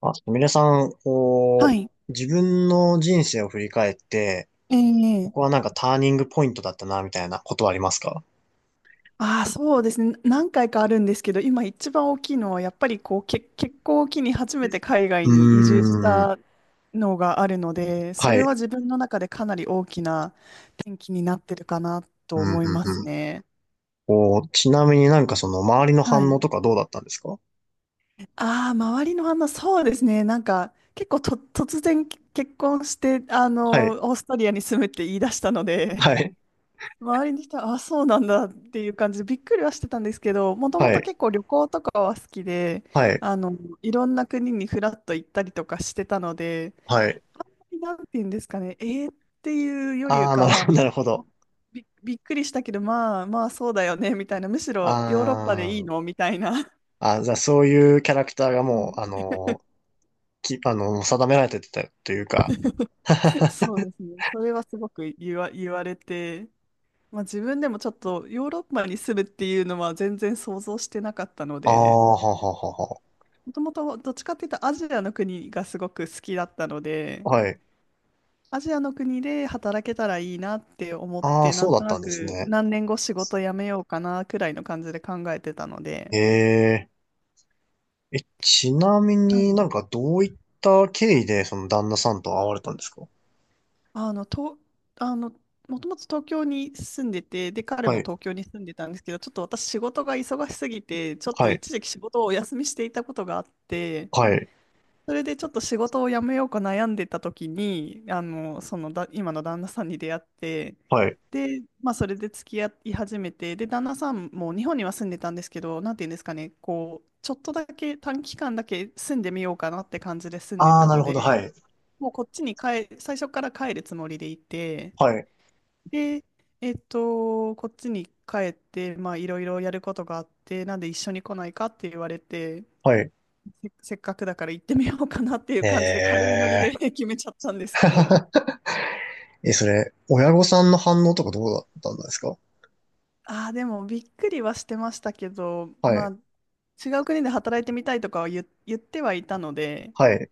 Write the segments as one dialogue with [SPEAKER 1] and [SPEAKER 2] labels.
[SPEAKER 1] あ、すみれさん、
[SPEAKER 2] は
[SPEAKER 1] こ
[SPEAKER 2] い。
[SPEAKER 1] う、自分の人生を振り返って、こ
[SPEAKER 2] え
[SPEAKER 1] こ
[SPEAKER 2] え
[SPEAKER 1] はなんかターニングポイントだったな、みたいなことはありますか？
[SPEAKER 2] ああ、そうですね。何回かあるんですけど、今一番大きいのは、やっぱりこう、結婚を機に初めて海
[SPEAKER 1] う
[SPEAKER 2] 外に移住し
[SPEAKER 1] ーん。
[SPEAKER 2] たのがあるので、そ
[SPEAKER 1] は
[SPEAKER 2] れは
[SPEAKER 1] い。
[SPEAKER 2] 自分の中でかなり大きな転機になってるかな
[SPEAKER 1] う
[SPEAKER 2] と
[SPEAKER 1] ん、う
[SPEAKER 2] 思いま
[SPEAKER 1] ん、
[SPEAKER 2] す
[SPEAKER 1] うん。
[SPEAKER 2] ね。
[SPEAKER 1] こう、ちなみになんかその周りの
[SPEAKER 2] は
[SPEAKER 1] 反応
[SPEAKER 2] い。
[SPEAKER 1] とかどうだったんですか？
[SPEAKER 2] ああ、周りの反応、そうですね。なんか、結構と、突然結婚して、
[SPEAKER 1] はい。
[SPEAKER 2] オーストリアに住むって言い出したので、
[SPEAKER 1] はい。
[SPEAKER 2] 周りの人は、あ、そうなんだっていう感じでびっくりはしてたんですけど、もとも
[SPEAKER 1] は
[SPEAKER 2] と
[SPEAKER 1] い。
[SPEAKER 2] 結構旅行とかは好きで、
[SPEAKER 1] はい。
[SPEAKER 2] あの、いろんな国にフラッと行ったりとかしてたので、
[SPEAKER 1] はい。
[SPEAKER 2] あんまりなんて言うんですかね、えーっていうより
[SPEAKER 1] ああ、
[SPEAKER 2] か
[SPEAKER 1] なる
[SPEAKER 2] は、
[SPEAKER 1] ほど、なるほ
[SPEAKER 2] あ
[SPEAKER 1] ど。
[SPEAKER 2] びっくりしたけど、まあまあそうだよね、みたいな、むし
[SPEAKER 1] あ
[SPEAKER 2] ろヨーロッパでいい
[SPEAKER 1] ー
[SPEAKER 2] のみたいな。
[SPEAKER 1] あ、じゃあそういうキャラクターが
[SPEAKER 2] は
[SPEAKER 1] もう、あ
[SPEAKER 2] い、
[SPEAKER 1] のーき、あの、定められてたというか。
[SPEAKER 2] そうですね。それはすごく言われて、まあ、自分でもちょっとヨーロッパに住むっていうのは全然想像してなかったの
[SPEAKER 1] ああ、
[SPEAKER 2] で、
[SPEAKER 1] はははは。
[SPEAKER 2] もともとどっちかっていうとアジアの国がすごく好きだったので、
[SPEAKER 1] はい。
[SPEAKER 2] アジアの国で働けたらいいなって思っ
[SPEAKER 1] ああ、
[SPEAKER 2] て、な
[SPEAKER 1] そう
[SPEAKER 2] ん
[SPEAKER 1] だ
[SPEAKER 2] と
[SPEAKER 1] っ
[SPEAKER 2] な
[SPEAKER 1] たんです
[SPEAKER 2] く
[SPEAKER 1] ね。
[SPEAKER 2] 何年後仕事辞めようかなくらいの感じで考えてたので、
[SPEAKER 1] ええ、え、ちなみ
[SPEAKER 2] は
[SPEAKER 1] に
[SPEAKER 2] い、
[SPEAKER 1] なんかどういった経緯でその旦那さんと会われたんですか？
[SPEAKER 2] あの、と、あの、もともと東京に住んでて、で、彼
[SPEAKER 1] は
[SPEAKER 2] も
[SPEAKER 1] い、
[SPEAKER 2] 東京に住んでたんですけど、ちょっと私仕事が忙しすぎて、ちょっと
[SPEAKER 1] はい、
[SPEAKER 2] 一時期仕事をお休みしていたことがあって、
[SPEAKER 1] はい、
[SPEAKER 2] それでちょっと仕事を辞めようか悩んでた時に、あの、そのだ、今の旦那さんに出会って、
[SPEAKER 1] はい。
[SPEAKER 2] で、まあそれで付き合い始めて、で、旦那さんも日本には住んでたんですけど、なんていうんですかね、こう、ちょっとだけ短期間だけ住んでみようかなって感じで住んで
[SPEAKER 1] ああ、
[SPEAKER 2] た
[SPEAKER 1] なる
[SPEAKER 2] の
[SPEAKER 1] ほど、は
[SPEAKER 2] で、
[SPEAKER 1] い、
[SPEAKER 2] もうこっちに帰、最初から帰るつもりでいて、
[SPEAKER 1] はい、
[SPEAKER 2] で、こっちに帰って、まあいろいろやることがあって、なんで一緒に来ないかって言われて、
[SPEAKER 1] はい。
[SPEAKER 2] せっかくだから行ってみようかなっていう
[SPEAKER 1] え
[SPEAKER 2] 感じで軽いノリで
[SPEAKER 1] え。
[SPEAKER 2] 決めちゃったんですけど。
[SPEAKER 1] え、それ、親御さんの反応とかどうだったんですか？
[SPEAKER 2] ああ、でもびっくりはしてましたけど、
[SPEAKER 1] は
[SPEAKER 2] まあ
[SPEAKER 1] い、
[SPEAKER 2] 違う国で働いてみたいとかは言ってはいたので、
[SPEAKER 1] はい。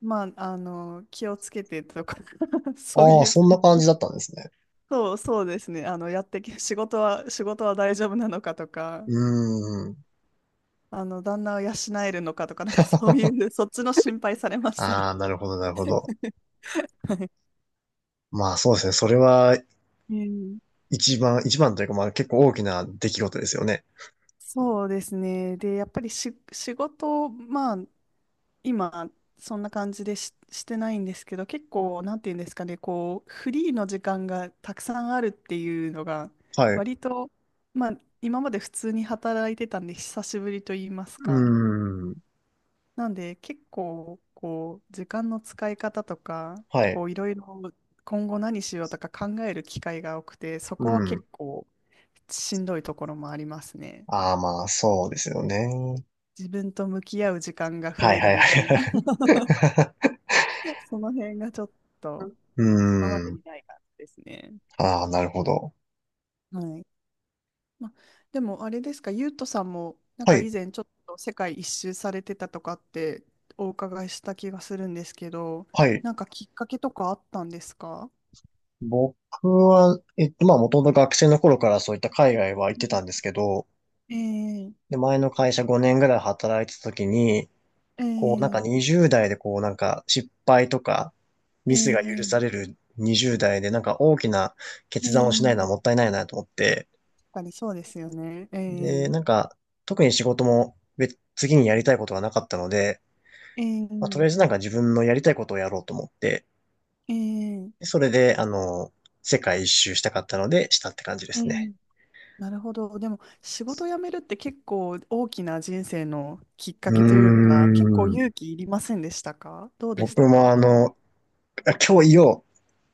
[SPEAKER 2] まあ、あの、気をつけてとか そう
[SPEAKER 1] ああ、
[SPEAKER 2] いう、
[SPEAKER 1] そんな感じだったんですね。
[SPEAKER 2] そうですね。あの、やってけ、仕事は、仕事は大丈夫なのかとか、
[SPEAKER 1] うーん。
[SPEAKER 2] あの、旦那を養えるのかとか、なんかそうい う、そっちの心配されましたね。
[SPEAKER 1] ああ、なるほど、なるほど。
[SPEAKER 2] はい。
[SPEAKER 1] まあそうですね。それは
[SPEAKER 2] うん
[SPEAKER 1] 一番、一番というかまあ結構大きな出来事ですよね。
[SPEAKER 2] そうですね。で、やっぱりし、仕事、まあ、今、そんな感じでしてないんですけど、結構、なんていうんですかね、こう、フリーの時間がたくさんあるっていうのが、
[SPEAKER 1] はい。う
[SPEAKER 2] 割と、まあ、今まで普通に働いてたんで、久しぶりと言います
[SPEAKER 1] ー
[SPEAKER 2] か。
[SPEAKER 1] ん。
[SPEAKER 2] なんで、結構、こう、時間の使い方とか、
[SPEAKER 1] はい。
[SPEAKER 2] こう、いろいろ、今後何しようとか考える機会が多くて、そ
[SPEAKER 1] う
[SPEAKER 2] こは
[SPEAKER 1] ん。
[SPEAKER 2] 結構、しんどいところもありますね。
[SPEAKER 1] ああ、まあ、そうですよね。
[SPEAKER 2] 自分と向き合う時間が増
[SPEAKER 1] はい
[SPEAKER 2] え
[SPEAKER 1] は
[SPEAKER 2] る
[SPEAKER 1] い
[SPEAKER 2] みたいな
[SPEAKER 1] は い。
[SPEAKER 2] その辺がちょっと。
[SPEAKER 1] う
[SPEAKER 2] 今ま
[SPEAKER 1] ー
[SPEAKER 2] でに
[SPEAKER 1] ん。
[SPEAKER 2] ない感じですね。
[SPEAKER 1] ああ、なるほど。
[SPEAKER 2] はい。まあ、でもあれですか、ゆうとさんも、なん
[SPEAKER 1] は
[SPEAKER 2] か
[SPEAKER 1] い、
[SPEAKER 2] 以前ちょっと世界一周されてたとかってお伺いした気がするんですけど、
[SPEAKER 1] はい。
[SPEAKER 2] なんかきっかけとかあったんですか？
[SPEAKER 1] 僕は、まあ、もともと学生の頃からそういった海外は行っ
[SPEAKER 2] う
[SPEAKER 1] てた
[SPEAKER 2] ん
[SPEAKER 1] んですけど、
[SPEAKER 2] えー、
[SPEAKER 1] で、前の会社5年ぐらい働いてた時に、
[SPEAKER 2] え
[SPEAKER 1] こう、なんか
[SPEAKER 2] ー、
[SPEAKER 1] 20代でこう、なんか失敗とか、
[SPEAKER 2] え
[SPEAKER 1] ミスが許
[SPEAKER 2] ー、
[SPEAKER 1] される20代で、なんか大きな
[SPEAKER 2] え
[SPEAKER 1] 決断をしないのは
[SPEAKER 2] ー、
[SPEAKER 1] もったいないなと思って、
[SPEAKER 2] 確かにそうですよね。
[SPEAKER 1] で、なんか、特に仕事も次にやりたいことがなかったので、
[SPEAKER 2] え
[SPEAKER 1] まあ、とり
[SPEAKER 2] ー、
[SPEAKER 1] あえずなんか自分のやりたいことをやろうと思って、
[SPEAKER 2] えー、
[SPEAKER 1] それで、世界一周したかったので、したって感じで
[SPEAKER 2] え
[SPEAKER 1] すね。
[SPEAKER 2] ー、なるほど。でも、仕事辞めるって結構大きな人生のきっか
[SPEAKER 1] うー
[SPEAKER 2] けというか、結構
[SPEAKER 1] ん。
[SPEAKER 2] 勇気いりませんでしたか？どうでし
[SPEAKER 1] 僕
[SPEAKER 2] た
[SPEAKER 1] も
[SPEAKER 2] か？
[SPEAKER 1] 今日言おう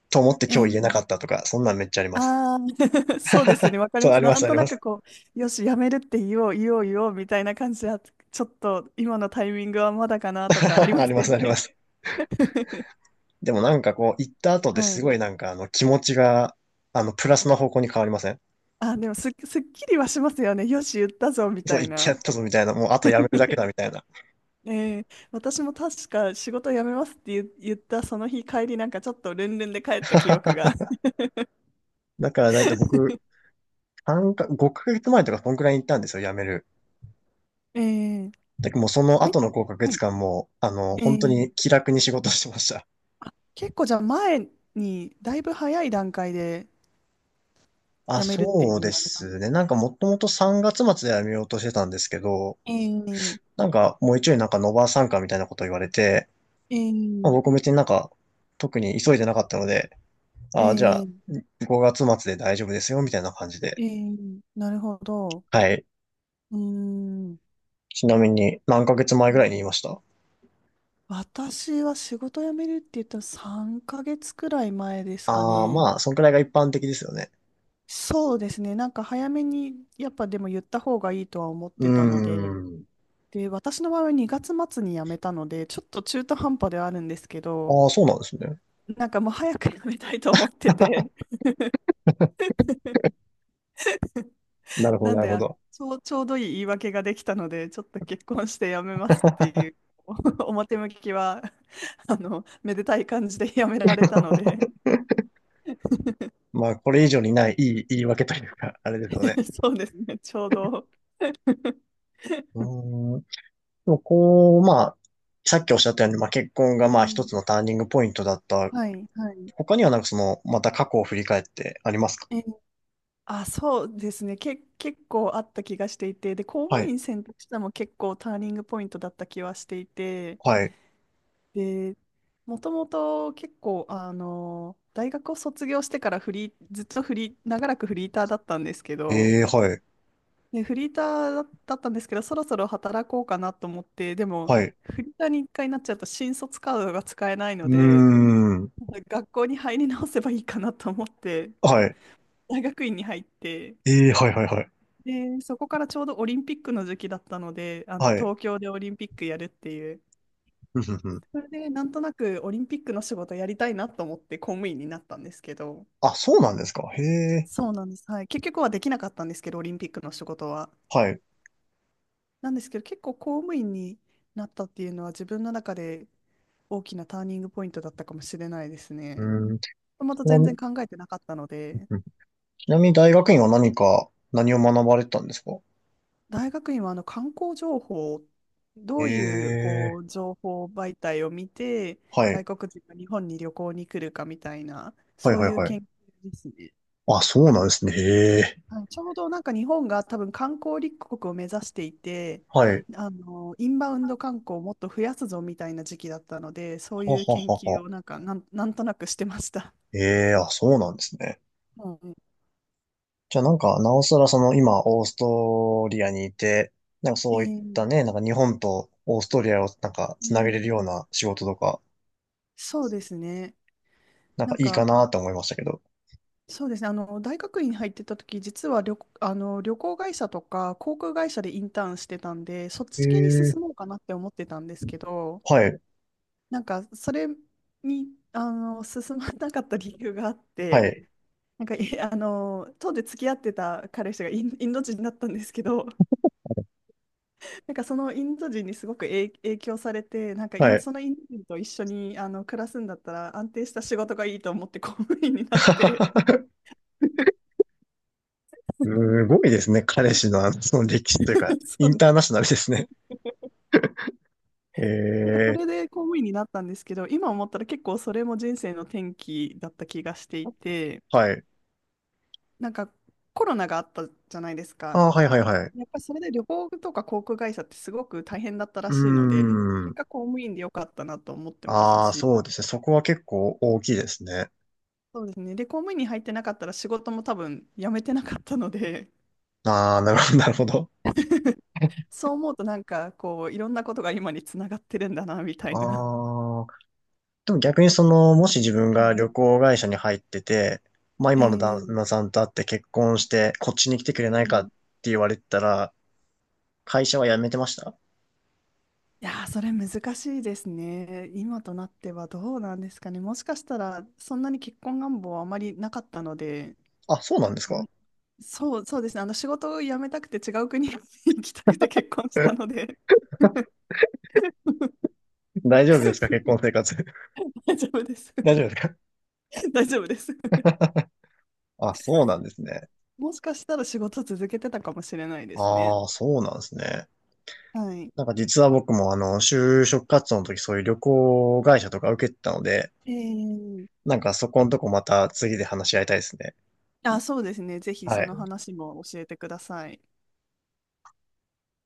[SPEAKER 1] と思って
[SPEAKER 2] え
[SPEAKER 1] 今日言えなかっ
[SPEAKER 2] え
[SPEAKER 1] たとか、そんなんめっちゃあります。
[SPEAKER 2] ああ、 そうです ね。わかり
[SPEAKER 1] そう、
[SPEAKER 2] ま
[SPEAKER 1] あ
[SPEAKER 2] す。
[SPEAKER 1] りま
[SPEAKER 2] な
[SPEAKER 1] す、
[SPEAKER 2] ん
[SPEAKER 1] あ
[SPEAKER 2] と
[SPEAKER 1] り
[SPEAKER 2] な
[SPEAKER 1] ま
[SPEAKER 2] く
[SPEAKER 1] す。
[SPEAKER 2] よし、辞めるって言おう、みたいな感じは、ちょっと今のタイミングはまだかなとかあり ま
[SPEAKER 1] あ
[SPEAKER 2] す
[SPEAKER 1] りま
[SPEAKER 2] よ
[SPEAKER 1] す、ありま
[SPEAKER 2] ね。
[SPEAKER 1] す。でもなんかこう、行った後で
[SPEAKER 2] は
[SPEAKER 1] す
[SPEAKER 2] い。
[SPEAKER 1] ごいなんか気持ちが、プラスの方向に変わりません？
[SPEAKER 2] あ、でもすっきりはしますよね。よし、言ったぞ、み
[SPEAKER 1] そ
[SPEAKER 2] た
[SPEAKER 1] う、
[SPEAKER 2] い
[SPEAKER 1] 行ってやっ
[SPEAKER 2] な。
[SPEAKER 1] たぞみたいな、もうあとやめるだけだみたいな。
[SPEAKER 2] ええ、私も確か仕事辞めますって言ったその日帰りなんかちょっとルンルンで帰った記憶が。
[SPEAKER 1] だからだいたい 僕、3か、5ヶ月前とかそんくらいに行ったんですよ、やめる。
[SPEAKER 2] ええ、
[SPEAKER 1] だもうその
[SPEAKER 2] はい、
[SPEAKER 1] 後の5ヶ
[SPEAKER 2] はい、
[SPEAKER 1] 月間も、
[SPEAKER 2] え
[SPEAKER 1] 本当
[SPEAKER 2] え。
[SPEAKER 1] に気楽に仕事してました。
[SPEAKER 2] あ、結構じゃあ前にだいぶ早い段階で
[SPEAKER 1] あ、
[SPEAKER 2] 辞めるって
[SPEAKER 1] そう
[SPEAKER 2] 言
[SPEAKER 1] で
[SPEAKER 2] われたんで
[SPEAKER 1] すね。
[SPEAKER 2] す。
[SPEAKER 1] なんかもともと3月末で辞めようとしてたんですけど、
[SPEAKER 2] ええ。
[SPEAKER 1] なんかもう一応なんかノバー参加みたいなこと言われて、
[SPEAKER 2] え
[SPEAKER 1] まあ、
[SPEAKER 2] ええ
[SPEAKER 1] 僕別になんか特に急いでなかったので、あ、じゃあ
[SPEAKER 2] え
[SPEAKER 1] 5月末で大丈夫ですよみたいな感じで。
[SPEAKER 2] ええなるほど。
[SPEAKER 1] はい。
[SPEAKER 2] うーん。
[SPEAKER 1] ちなみに何ヶ月前ぐらいに言いました？
[SPEAKER 2] 私は仕事辞めるって言ったら3ヶ月くらい前ですか
[SPEAKER 1] ああ
[SPEAKER 2] ね。
[SPEAKER 1] まあ、そんくらいが一般的ですよね。
[SPEAKER 2] そうですね。なんか早めに、やっぱでも言った方がいいとは思っ
[SPEAKER 1] うー
[SPEAKER 2] てたので、
[SPEAKER 1] ん。
[SPEAKER 2] で、私の場合は2月末に辞めたので、ちょっと中途半端ではあるんですけど、
[SPEAKER 1] ああ、そうなんですね。
[SPEAKER 2] なんかもう早く辞めたいと思ってて、
[SPEAKER 1] な るほ
[SPEAKER 2] な
[SPEAKER 1] ど、
[SPEAKER 2] ん
[SPEAKER 1] なる
[SPEAKER 2] で、
[SPEAKER 1] ほ
[SPEAKER 2] あ
[SPEAKER 1] ど。
[SPEAKER 2] ちょう、ちょうどいい言い訳ができたので、ちょっと結婚して辞めますっていう、表向きは、あの、めでたい感じで辞められたので、
[SPEAKER 1] まあ、これ以上にない、いい言い訳というか、あれですよね。
[SPEAKER 2] そうですね、ちょうど。
[SPEAKER 1] うーん。でもこう、まあ、さっきおっしゃったように、まあ、結婚が
[SPEAKER 2] え
[SPEAKER 1] まあ一つの
[SPEAKER 2] え。
[SPEAKER 1] ターニングポイントだった。
[SPEAKER 2] はい、はい。
[SPEAKER 1] 他にはなんかその、また過去を振り返ってありますか？
[SPEAKER 2] あ、そうですね。結構あった気がしていて、で、公
[SPEAKER 1] は
[SPEAKER 2] 務
[SPEAKER 1] い。
[SPEAKER 2] 員選択したのも結構ターニングポイントだった気はしていて、
[SPEAKER 1] はい。
[SPEAKER 2] で、もともと結構、あの、大学を卒業してからフリー、ずっとフリー、長らくフリーターだったんですけど、
[SPEAKER 1] ええはい。
[SPEAKER 2] で、フリーターだったんですけど、そろそろ働こうかなと思って、でも、
[SPEAKER 1] はい。
[SPEAKER 2] フリーターに一回なっちゃうと新卒カードが使えない
[SPEAKER 1] う
[SPEAKER 2] の
[SPEAKER 1] ー
[SPEAKER 2] で、
[SPEAKER 1] ん。
[SPEAKER 2] 学校に入り直せばいいかなと思って、
[SPEAKER 1] はい。
[SPEAKER 2] 大学院に入って、
[SPEAKER 1] ええはいはいはい。
[SPEAKER 2] で、そこからちょうどオリンピックの時期だったので、あの
[SPEAKER 1] はい。
[SPEAKER 2] 東京でオリンピックやるっていう、
[SPEAKER 1] ふんふんふん。
[SPEAKER 2] それでなんとなくオリンピックの仕事やりたいなと思って公務員になったんですけど、
[SPEAKER 1] あ、そうなんですか。へえ。
[SPEAKER 2] そうなんです。はい。結局はできなかったんですけど、オリンピックの仕事は。
[SPEAKER 1] はい。う
[SPEAKER 2] なんですけど、結構公務員になったっていうのは自分の中で大きなターニングポイントだったかもしれないです
[SPEAKER 1] ー
[SPEAKER 2] ね。
[SPEAKER 1] ん。
[SPEAKER 2] もともと
[SPEAKER 1] う
[SPEAKER 2] 全然
[SPEAKER 1] ん、
[SPEAKER 2] 考えてなかったので。
[SPEAKER 1] ちなみに大学院は何か、何を学ばれてたんですか？
[SPEAKER 2] 大学院はあの観光情報、どういうこ
[SPEAKER 1] え
[SPEAKER 2] う
[SPEAKER 1] え
[SPEAKER 2] 情報媒体を見て、
[SPEAKER 1] はい。
[SPEAKER 2] 外国人が日本に旅行に来るかみたいな、
[SPEAKER 1] はい
[SPEAKER 2] そう
[SPEAKER 1] はい
[SPEAKER 2] いう
[SPEAKER 1] はい。
[SPEAKER 2] 研究ですね。
[SPEAKER 1] あ、そうなんですね。へえ。
[SPEAKER 2] はい、ちょうどなんか日本が多分観光立国を目指していて、
[SPEAKER 1] はい。
[SPEAKER 2] あのインバウンド観光をもっと増やすぞみたいな時期だったので、そう
[SPEAKER 1] は
[SPEAKER 2] いう
[SPEAKER 1] は
[SPEAKER 2] 研
[SPEAKER 1] は
[SPEAKER 2] 究
[SPEAKER 1] は。
[SPEAKER 2] をなんかなんとなくしてました。
[SPEAKER 1] ええ、あ、そうなんですね。
[SPEAKER 2] は
[SPEAKER 1] じゃあなんか、なおさらその今、オーストリアにいて、なんかそ
[SPEAKER 2] い、
[SPEAKER 1] ういったね、なんか日本とオーストリアをなんか
[SPEAKER 2] え
[SPEAKER 1] つなげれる
[SPEAKER 2] ー
[SPEAKER 1] ような仕事とか、
[SPEAKER 2] そうですね。
[SPEAKER 1] なん
[SPEAKER 2] な
[SPEAKER 1] か
[SPEAKER 2] ん
[SPEAKER 1] いいか
[SPEAKER 2] か
[SPEAKER 1] なって思いましたけど。
[SPEAKER 2] そうですね。あの、大学院に入ってた時、実はあの、旅行会社とか航空会社でインターンしてたんで、そっ
[SPEAKER 1] え
[SPEAKER 2] ち系に
[SPEAKER 1] え、
[SPEAKER 2] 進もうかなって思ってたんですけど、
[SPEAKER 1] はい、
[SPEAKER 2] なんか、それに、あの、進まなかった理由があっ
[SPEAKER 1] は
[SPEAKER 2] て、
[SPEAKER 1] い、
[SPEAKER 2] なんか、あの、当時付き合ってた彼氏がインド人だったんですけど、なんかそのインド人にすごく影響されて、なんか
[SPEAKER 1] はい。
[SPEAKER 2] そのインド人と一緒に、あの、暮らすんだったら安定した仕事がいいと思って公務員になって、
[SPEAKER 1] すごいですね。彼氏のその歴史というか、
[SPEAKER 2] そ
[SPEAKER 1] イン
[SPEAKER 2] う。
[SPEAKER 1] ターナショナルですね。え
[SPEAKER 2] なんかそ
[SPEAKER 1] え、
[SPEAKER 2] れで公務員になったんですけど、今思ったら結構それも人生の転機だった気がしていて、
[SPEAKER 1] はい。
[SPEAKER 2] なんかコロナがあったじゃないですか。
[SPEAKER 1] あ、はいはいはい。
[SPEAKER 2] やっぱりそれで旅行とか航空会社ってすごく大変だった
[SPEAKER 1] う
[SPEAKER 2] らしいので、
[SPEAKER 1] ー
[SPEAKER 2] 結
[SPEAKER 1] ん。
[SPEAKER 2] 果公務員でよかったなと思ってます
[SPEAKER 1] ああ、
[SPEAKER 2] し、
[SPEAKER 1] そうですね。そこは結構大きいですね。
[SPEAKER 2] そうですね。で、公務員に入ってなかったら仕事も多分辞めてなかったので、
[SPEAKER 1] ああ、なるほど、なるほど。
[SPEAKER 2] そう思うとなんかこういろんなことが今につながってるんだなみたいな。
[SPEAKER 1] ああ、でも逆にその、もし自分
[SPEAKER 2] は
[SPEAKER 1] が
[SPEAKER 2] い。
[SPEAKER 1] 旅行会社に入ってて、まあ
[SPEAKER 2] え
[SPEAKER 1] 今の旦
[SPEAKER 2] ー
[SPEAKER 1] 那さんと会って結婚して、こっちに来てく
[SPEAKER 2] え
[SPEAKER 1] れないかっ
[SPEAKER 2] ー
[SPEAKER 1] て言われてたら、会社は辞めてました？
[SPEAKER 2] いやー、それ難しいですね。今となってはどうなんですかね。もしかしたら、そんなに結婚願望はあまりなかったので、
[SPEAKER 1] あ、そうなんです
[SPEAKER 2] うん
[SPEAKER 1] か？
[SPEAKER 2] そうですね。あの、仕事を辞めたくて違う国に 行きたくて結婚したの で
[SPEAKER 1] 大丈夫ですか、結婚生活？
[SPEAKER 2] 大丈夫です。
[SPEAKER 1] 大丈夫ですか？
[SPEAKER 2] 大丈夫です。
[SPEAKER 1] あ、そうなんです ね。
[SPEAKER 2] もしかしたら仕事続けてたかもしれないですね。
[SPEAKER 1] ああ、そうなんですね。
[SPEAKER 2] はい。
[SPEAKER 1] なんか実は僕も就職活動の時そういう旅行会社とか受けてたので、
[SPEAKER 2] えー、
[SPEAKER 1] なんかそこのとこまた次で話し合いたいですね。
[SPEAKER 2] あ、そうですね。ぜひそ
[SPEAKER 1] は
[SPEAKER 2] の
[SPEAKER 1] い。
[SPEAKER 2] 話も教えてください。